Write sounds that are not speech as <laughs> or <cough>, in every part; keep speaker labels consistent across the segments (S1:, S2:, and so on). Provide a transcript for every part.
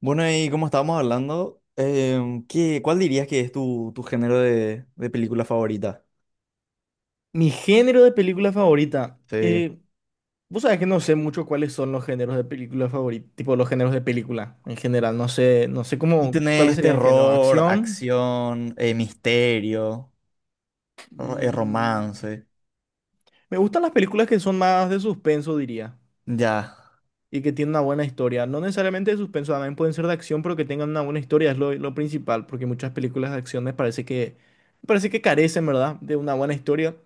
S1: Bueno, y como estábamos hablando, ¿qué, cuál dirías que es tu género de película favorita?
S2: Mi género de película favorita.
S1: Sí.
S2: Vos sabés que no sé mucho cuáles son los géneros de película favorita, tipo los géneros de película en general. No sé, no sé
S1: Y
S2: cómo, cuáles
S1: tenés
S2: serían géneros.
S1: terror,
S2: Acción.
S1: acción, misterio,
S2: mm,
S1: romance.
S2: Me gustan las películas que son más de suspenso, diría,
S1: Ya.
S2: y que tienen una buena historia. No necesariamente de suspenso, también pueden ser de acción, pero que tengan una buena historia es lo principal, porque muchas películas de acción me parece que carecen, ¿verdad?, de una buena historia.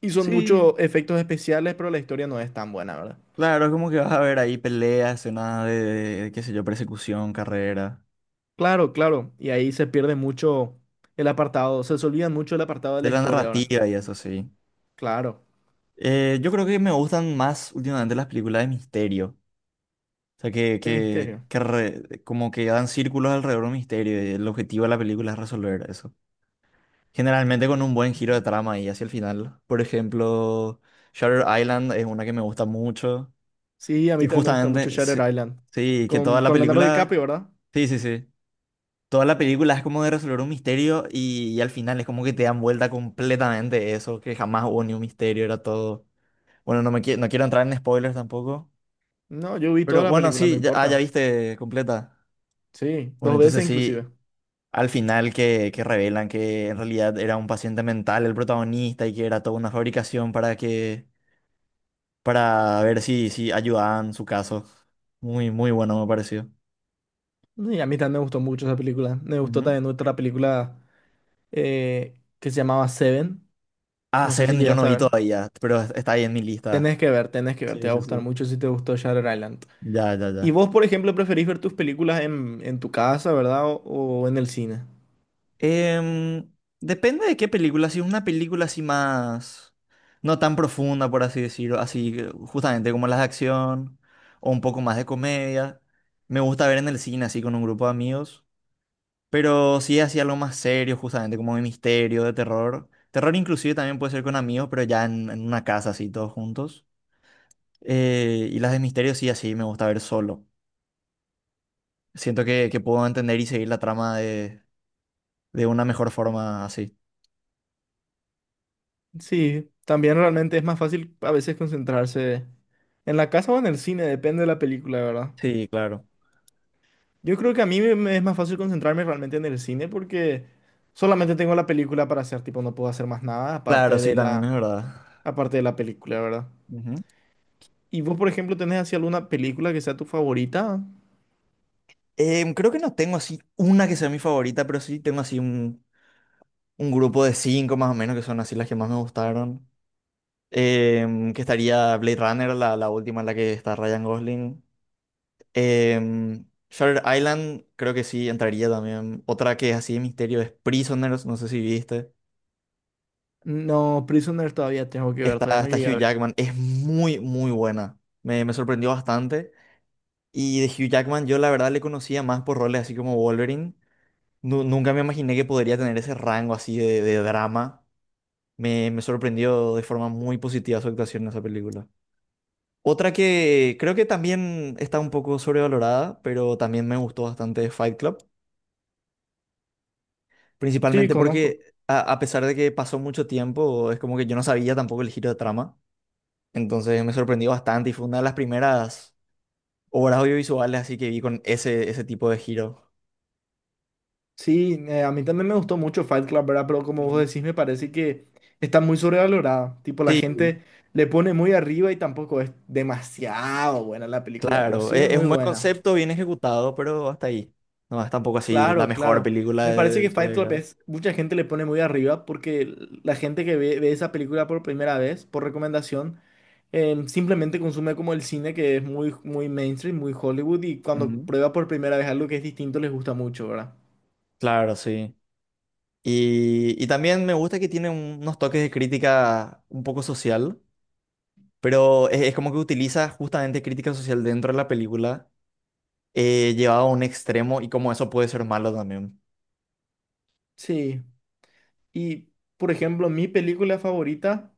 S2: Y son
S1: Sí,
S2: muchos efectos especiales, pero la historia no es tan buena, ¿verdad?
S1: claro, es como que vas a ver ahí peleas, escenas qué sé yo, persecución, carrera,
S2: Claro, claro. Y ahí se pierde mucho el apartado, se olvidan mucho el apartado de
S1: de
S2: la
S1: la
S2: historia ahora.
S1: narrativa y eso sí.
S2: Claro,
S1: Yo creo que me gustan más últimamente las películas de misterio. O sea,
S2: de misterio.
S1: como que dan círculos alrededor de un misterio y el objetivo de la película es resolver eso. Generalmente con un buen giro de trama y hacia el final. Por ejemplo, Shutter Island es una que me gusta mucho.
S2: Sí, a mí
S1: Y
S2: también me gusta mucho
S1: justamente,
S2: Shutter
S1: sí,
S2: Island.
S1: sí, que
S2: Con,
S1: toda la
S2: con Leonardo DiCaprio,
S1: película...
S2: ¿verdad?
S1: Sí, sí, sí. Toda la película es como de resolver un misterio y al final es como que te dan vuelta completamente eso, que jamás hubo ni un misterio, era todo... Bueno, no quiero entrar en spoilers tampoco.
S2: No, yo vi toda
S1: Pero
S2: la
S1: bueno,
S2: película, no
S1: sí, ya, ah, ya
S2: importa.
S1: viste completa.
S2: Sí,
S1: Bueno,
S2: dos
S1: entonces
S2: veces inclusive.
S1: sí, al final que revelan que en realidad era un paciente mental el protagonista y que era toda una fabricación para que, para ver si ayudaban su caso. Muy, muy bueno me pareció.
S2: Y a mí también me gustó mucho esa película. Me gustó
S1: Ujú.
S2: también otra película que se llamaba Seven.
S1: Ah,
S2: No sé si
S1: Seven yo no
S2: llegaste a
S1: vi
S2: ver.
S1: todavía, pero está ahí en mi
S2: Tenés
S1: lista.
S2: que ver, tenés que ver,
S1: Sí,
S2: te va a
S1: sí,
S2: gustar
S1: sí.
S2: mucho si te gustó Shutter Island.
S1: Ya, ya,
S2: ¿Y
S1: ya.
S2: vos, por ejemplo, preferís ver tus películas en tu casa, ¿verdad? o en el cine?
S1: Em, depende de qué película. Si es una película así más... No tan profunda, por así decirlo. Así, justamente como las de acción. O un poco más de comedia. Me gusta ver en el cine así con un grupo de amigos. Pero si es así algo más serio, justamente como de misterio, de terror. Terror inclusive también puede ser con amigos, pero ya en una casa así todos juntos. Y las de misterio sí, así me gusta ver solo. Siento que puedo entender y seguir la trama de una mejor forma así.
S2: Sí, también realmente es más fácil a veces concentrarse en la casa o en el cine, depende de la película, ¿verdad?
S1: Sí, claro.
S2: Yo creo que a me es más fácil concentrarme realmente en el cine porque solamente tengo la película para hacer, tipo, no puedo hacer más nada
S1: Claro, sí, también es verdad.
S2: aparte de la película, ¿verdad?
S1: Ujú.
S2: ¿Y vos, por ejemplo, tenés así alguna película que sea tu favorita?
S1: Creo que no tengo así una que sea mi favorita, pero sí tengo así un grupo de cinco más o menos que son así las que más me gustaron. Que estaría Blade Runner, la última en la que está Ryan Gosling. Em, Shutter Island, creo que sí, entraría también. Otra que es así de misterio es Prisoners, no sé si viste.
S2: No, Prisoner todavía tengo que ver, todavía no
S1: Está
S2: llegué a
S1: Hugh
S2: ver.
S1: Jackman, es muy, muy buena. Me sorprendió bastante. Y de Hugh Jackman yo la verdad le conocía más por roles así como Wolverine. Nunca me imaginé que podría tener ese rango así de drama. Me sorprendió de forma muy positiva su actuación en esa película. Otra que creo que también está un poco sobrevalorada, pero también me gustó bastante es Fight Club.
S2: Sí,
S1: Principalmente
S2: conozco.
S1: porque a pesar de que pasó mucho tiempo, es como que yo no sabía tampoco el giro de trama. Entonces me sorprendió bastante y fue una de las primeras obras audiovisuales así que vi con ese tipo de giro.
S2: Sí, a mí también me gustó mucho Fight Club, ¿verdad? Pero como vos
S1: Ujú.
S2: decís, me parece que está muy sobrevalorada. Tipo, la
S1: Sí.
S2: gente le pone muy arriba y tampoco es demasiado buena la película, pero
S1: Claro,
S2: sí es
S1: es
S2: muy
S1: un buen
S2: buena.
S1: concepto, bien ejecutado, pero hasta ahí. No es tampoco así la
S2: Claro,
S1: mejor
S2: claro.
S1: película
S2: Me parece
S1: de
S2: que
S1: su
S2: Fight Club
S1: década.
S2: es, mucha gente le pone muy arriba porque la gente que ve esa película por primera vez, por recomendación, simplemente consume como el cine que es muy mainstream, muy Hollywood, y cuando
S1: Ujú.
S2: prueba por primera vez algo que es distinto les gusta mucho, ¿verdad?
S1: Claro, sí. Y también me gusta que tiene unos toques de crítica un poco social, pero es como que utiliza justamente crítica social dentro de la película, llevado a un extremo y como eso puede ser malo también.
S2: Sí. Y, por ejemplo, mi película favorita,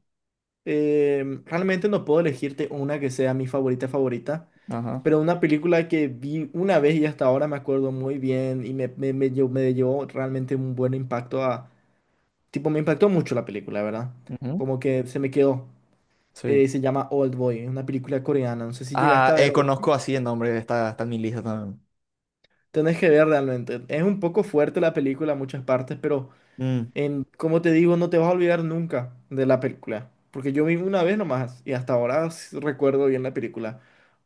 S2: realmente no puedo elegirte una que sea mi favorita favorita,
S1: Ajá.
S2: pero una película que vi una vez y hasta ahora me acuerdo muy bien y me llevó realmente un buen impacto a... Tipo, me impactó mucho la película, ¿verdad?
S1: Ujú.
S2: Como que se me quedó.
S1: Sí.
S2: Se llama Old Boy, una película coreana. No sé si
S1: Ah,
S2: llegaste a ver. Old Boy.
S1: conozco así el nombre, está en mi lista también.
S2: Tenés que ver realmente. Es un poco fuerte la película en muchas partes, pero...
S1: Mm,
S2: En, como te digo, no te vas a olvidar nunca de la película, porque yo vi una vez nomás y hasta ahora recuerdo bien la película.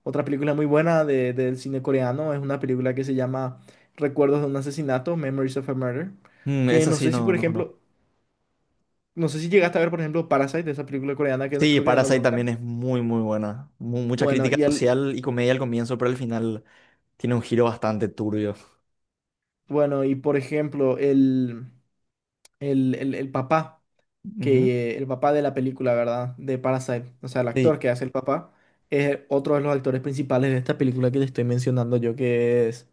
S2: Otra película muy buena del cine coreano es una película que se llama Recuerdos de un asesinato, Memories of a Murder, que
S1: esa
S2: no
S1: sí
S2: sé si,
S1: no,
S2: por
S1: no conozco.
S2: ejemplo, no sé si llegaste a ver, por ejemplo, Parasite, esa película coreana que
S1: Sí,
S2: creo que ganó el
S1: Parasite
S2: Oscar.
S1: también es muy, muy buena. Mucha
S2: Bueno,
S1: crítica
S2: y el,
S1: social y comedia al comienzo, pero al final tiene un giro bastante turbio.
S2: bueno, y por ejemplo, el papá.
S1: Ujú.
S2: Que el papá de la película, ¿verdad? De Parasite, o sea, el
S1: Sí,
S2: actor que hace el papá, es otro de los actores principales de esta película que te estoy mencionando yo,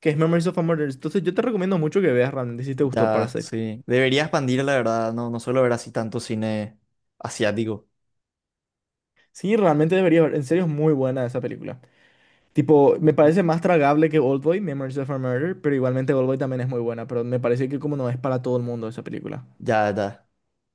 S2: que es Memories of a Murder. Entonces yo te recomiendo mucho que veas realmente si te gustó
S1: ya,
S2: Parasite.
S1: sí. Debería expandir, la verdad. No, no suelo ver así tanto cine asiático.
S2: Sí, realmente deberías ver, en serio es muy buena esa película. Tipo, me
S1: Ujú.
S2: parece más tragable que Oldboy, Memories of a Murder, pero igualmente Oldboy también es muy buena, pero me parece que como no es para todo el mundo esa película.
S1: Ya, ya.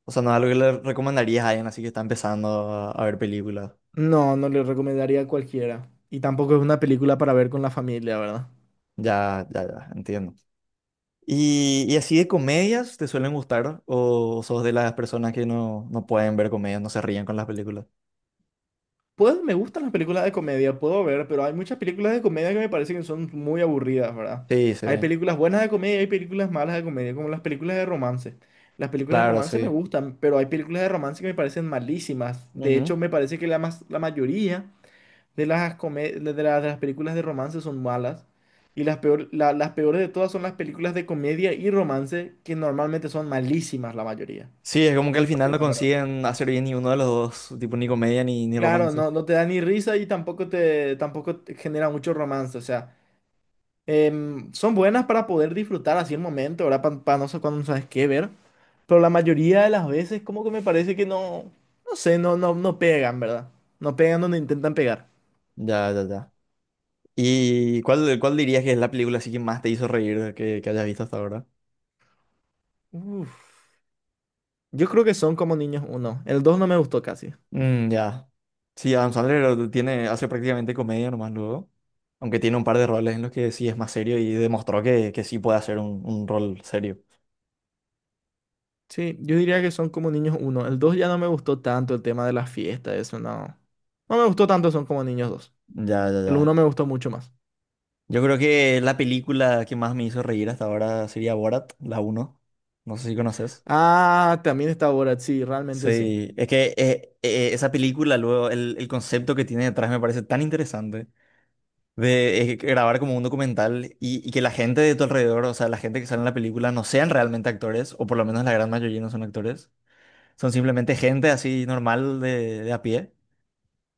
S1: O sea, no es algo que le recomendarías a alguien así que está empezando a ver películas.
S2: No, no le recomendaría a cualquiera. Y tampoco es una película para ver con la familia, ¿verdad?
S1: Ya, ya, ya, entiendo. Y así de comedias te suelen gustar? ¿O sos de las personas que no, no pueden ver comedias, no se ríen con las películas?
S2: Pues me gustan las películas de comedia, puedo ver, pero hay muchas películas de comedia que me parecen que son muy aburridas, ¿verdad?
S1: Sí,
S2: Hay
S1: sí,
S2: películas buenas de comedia y hay películas malas de comedia, como las películas de romance. Las películas de
S1: claro,
S2: romance me
S1: sí.
S2: gustan, pero hay películas de romance que me parecen malísimas. De hecho, me parece que la mayoría de las, come- de la- de las películas de romance son malas. Y las peores de todas son las películas de comedia y romance, que normalmente son malísimas la mayoría.
S1: Sí, es como que
S2: En
S1: al
S2: mi
S1: final no
S2: opinión, ¿verdad?
S1: consiguen hacer bien ni uno de los dos, tipo ni comedia ni
S2: Claro,
S1: romance.
S2: no, no te da ni risa y tampoco te genera mucho romance. O sea, son buenas para poder disfrutar así el momento, ¿verdad? Para no sé cuándo no sabes qué ver. Pero la mayoría de las veces como que me parece que no pegan, ¿verdad? No pegan donde intentan pegar.
S1: Ya, ya, ya. ¿Y cuál, cuál dirías que es la película así que más te hizo reír que hayas visto hasta ahora?
S2: Uf, Yo creo que son como niños uno. El dos no me gustó casi.
S1: Mm, ya. Sí, Adam Sandler tiene, hace prácticamente comedia nomás luego. Aunque tiene un par de roles en los que sí es más serio y demostró que sí puede hacer un rol serio.
S2: Sí, yo diría que son como niños uno. El dos ya no me gustó tanto el tema de la fiesta, eso no. No me gustó tanto son como niños dos.
S1: Ya, ya,
S2: El
S1: ya.
S2: uno me gustó mucho más.
S1: Yo creo que la película que más me hizo reír hasta ahora sería Borat, la uno. No sé si conoces.
S2: Ah, también está Borat, sí, realmente sí.
S1: Sí, es que esa película, luego, el concepto que tiene detrás me parece tan interesante de grabar como un documental y que la gente de tu alrededor, o sea, la gente que sale en la película, no sean realmente actores, o por lo menos la gran mayoría no son actores, son simplemente gente así normal de a pie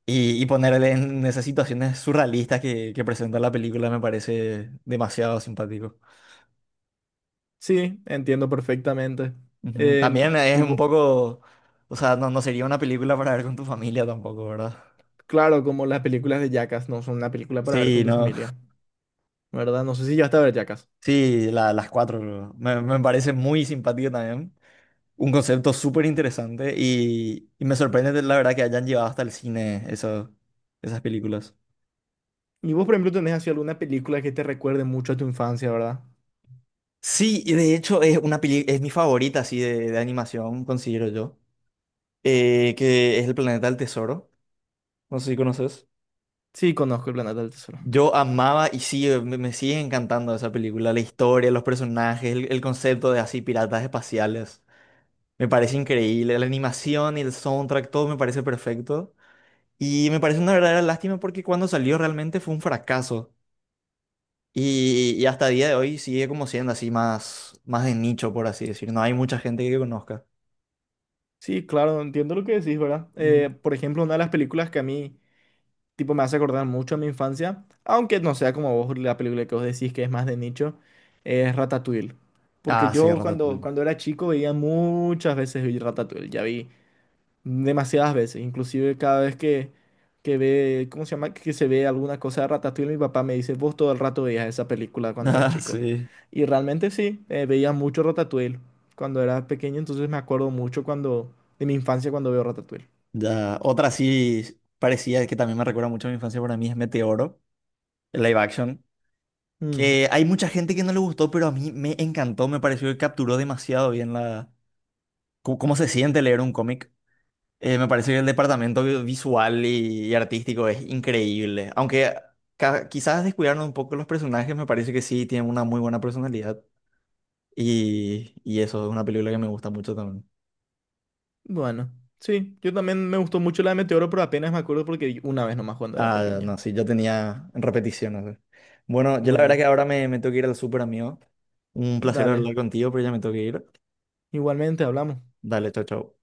S1: y ponerle en esas situaciones surrealistas que presenta la película me parece demasiado simpático.
S2: Sí, entiendo perfectamente.
S1: Ujú, también
S2: Em,
S1: es
S2: y
S1: un
S2: vo-
S1: poco, o sea, no, no sería una película para ver con tu familia tampoco, ¿verdad?
S2: claro, como las películas de Jackass no son una película para ver
S1: Sí,
S2: con tu
S1: no.
S2: familia, ¿verdad? No sé si ya está a ver Jackass.
S1: Sí, la- las cuatro me parece muy simpático también. Un concepto súper interesante y me sorprende la verdad que hayan llevado hasta el cine esas películas.
S2: Y vos, por ejemplo, tenés así alguna película que te recuerde mucho a tu infancia, ¿verdad?
S1: Sí, y de hecho es una es mi favorita así de animación, considero yo, que es El Planeta del Tesoro. No sé si conoces.
S2: Sí, conozco El Planeta del Tesoro.
S1: Yo amaba y sí, me sigue encantando esa película, la historia, los personajes, el concepto de así piratas espaciales. Me parece increíble, la animación y el soundtrack, todo me parece perfecto. Y me parece una verdadera lástima porque cuando salió realmente fue un fracaso. Y hasta día de hoy sigue como siendo así más, más de nicho, por así decir. No hay mucha gente que conozca.
S2: Sí, claro, entiendo lo que decís, ¿verdad?
S1: Ujú.
S2: Por ejemplo, una de las películas que a mí tipo, me hace acordar mucho a mi infancia, aunque no sea como vos la película que vos decís que es más de nicho, es Ratatouille. Porque
S1: Ah, sí,
S2: yo
S1: Ratatouille.
S2: cuando
S1: <laughs>
S2: era chico veía muchas veces vi Ratatouille, ya vi demasiadas veces, inclusive cada vez que ve, ¿cómo se llama? Que se ve alguna cosa de Ratatouille, mi papá me dice, vos todo el rato veías esa película cuando eras
S1: Ah,
S2: chico.
S1: sí.
S2: Y realmente sí, veía mucho Ratatouille cuando era pequeño, entonces me acuerdo mucho de mi infancia cuando veo Ratatouille.
S1: Ya. Otra sí parecía que también me recuerda mucho a mi infancia para mí es Meteoro, el live action.
S2: Mm.
S1: Que hay mucha gente que no le gustó, pero a mí me encantó, me pareció que capturó demasiado bien la... Cómo cómo se siente leer un cómic. Me parece que el departamento visual y artístico es increíble. Aunque quizás descuidaron un poco los personajes, me parece que sí tienen una muy buena personalidad. Y eso es una película que me gusta mucho también.
S2: Bueno, sí, yo también me gustó mucho la de Meteoro, pero apenas me acuerdo porque vi una vez nomás cuando era
S1: Ah,
S2: pequeño.
S1: no, sí, yo tenía repeticiones. ¿Eh? Bueno, yo la verdad que
S2: Bueno,
S1: ahora me tengo que ir al súper, amigo. Un placer
S2: dale.
S1: hablar contigo, pero ya me tengo que ir.
S2: Igualmente hablamos.
S1: Dale, chao, chao.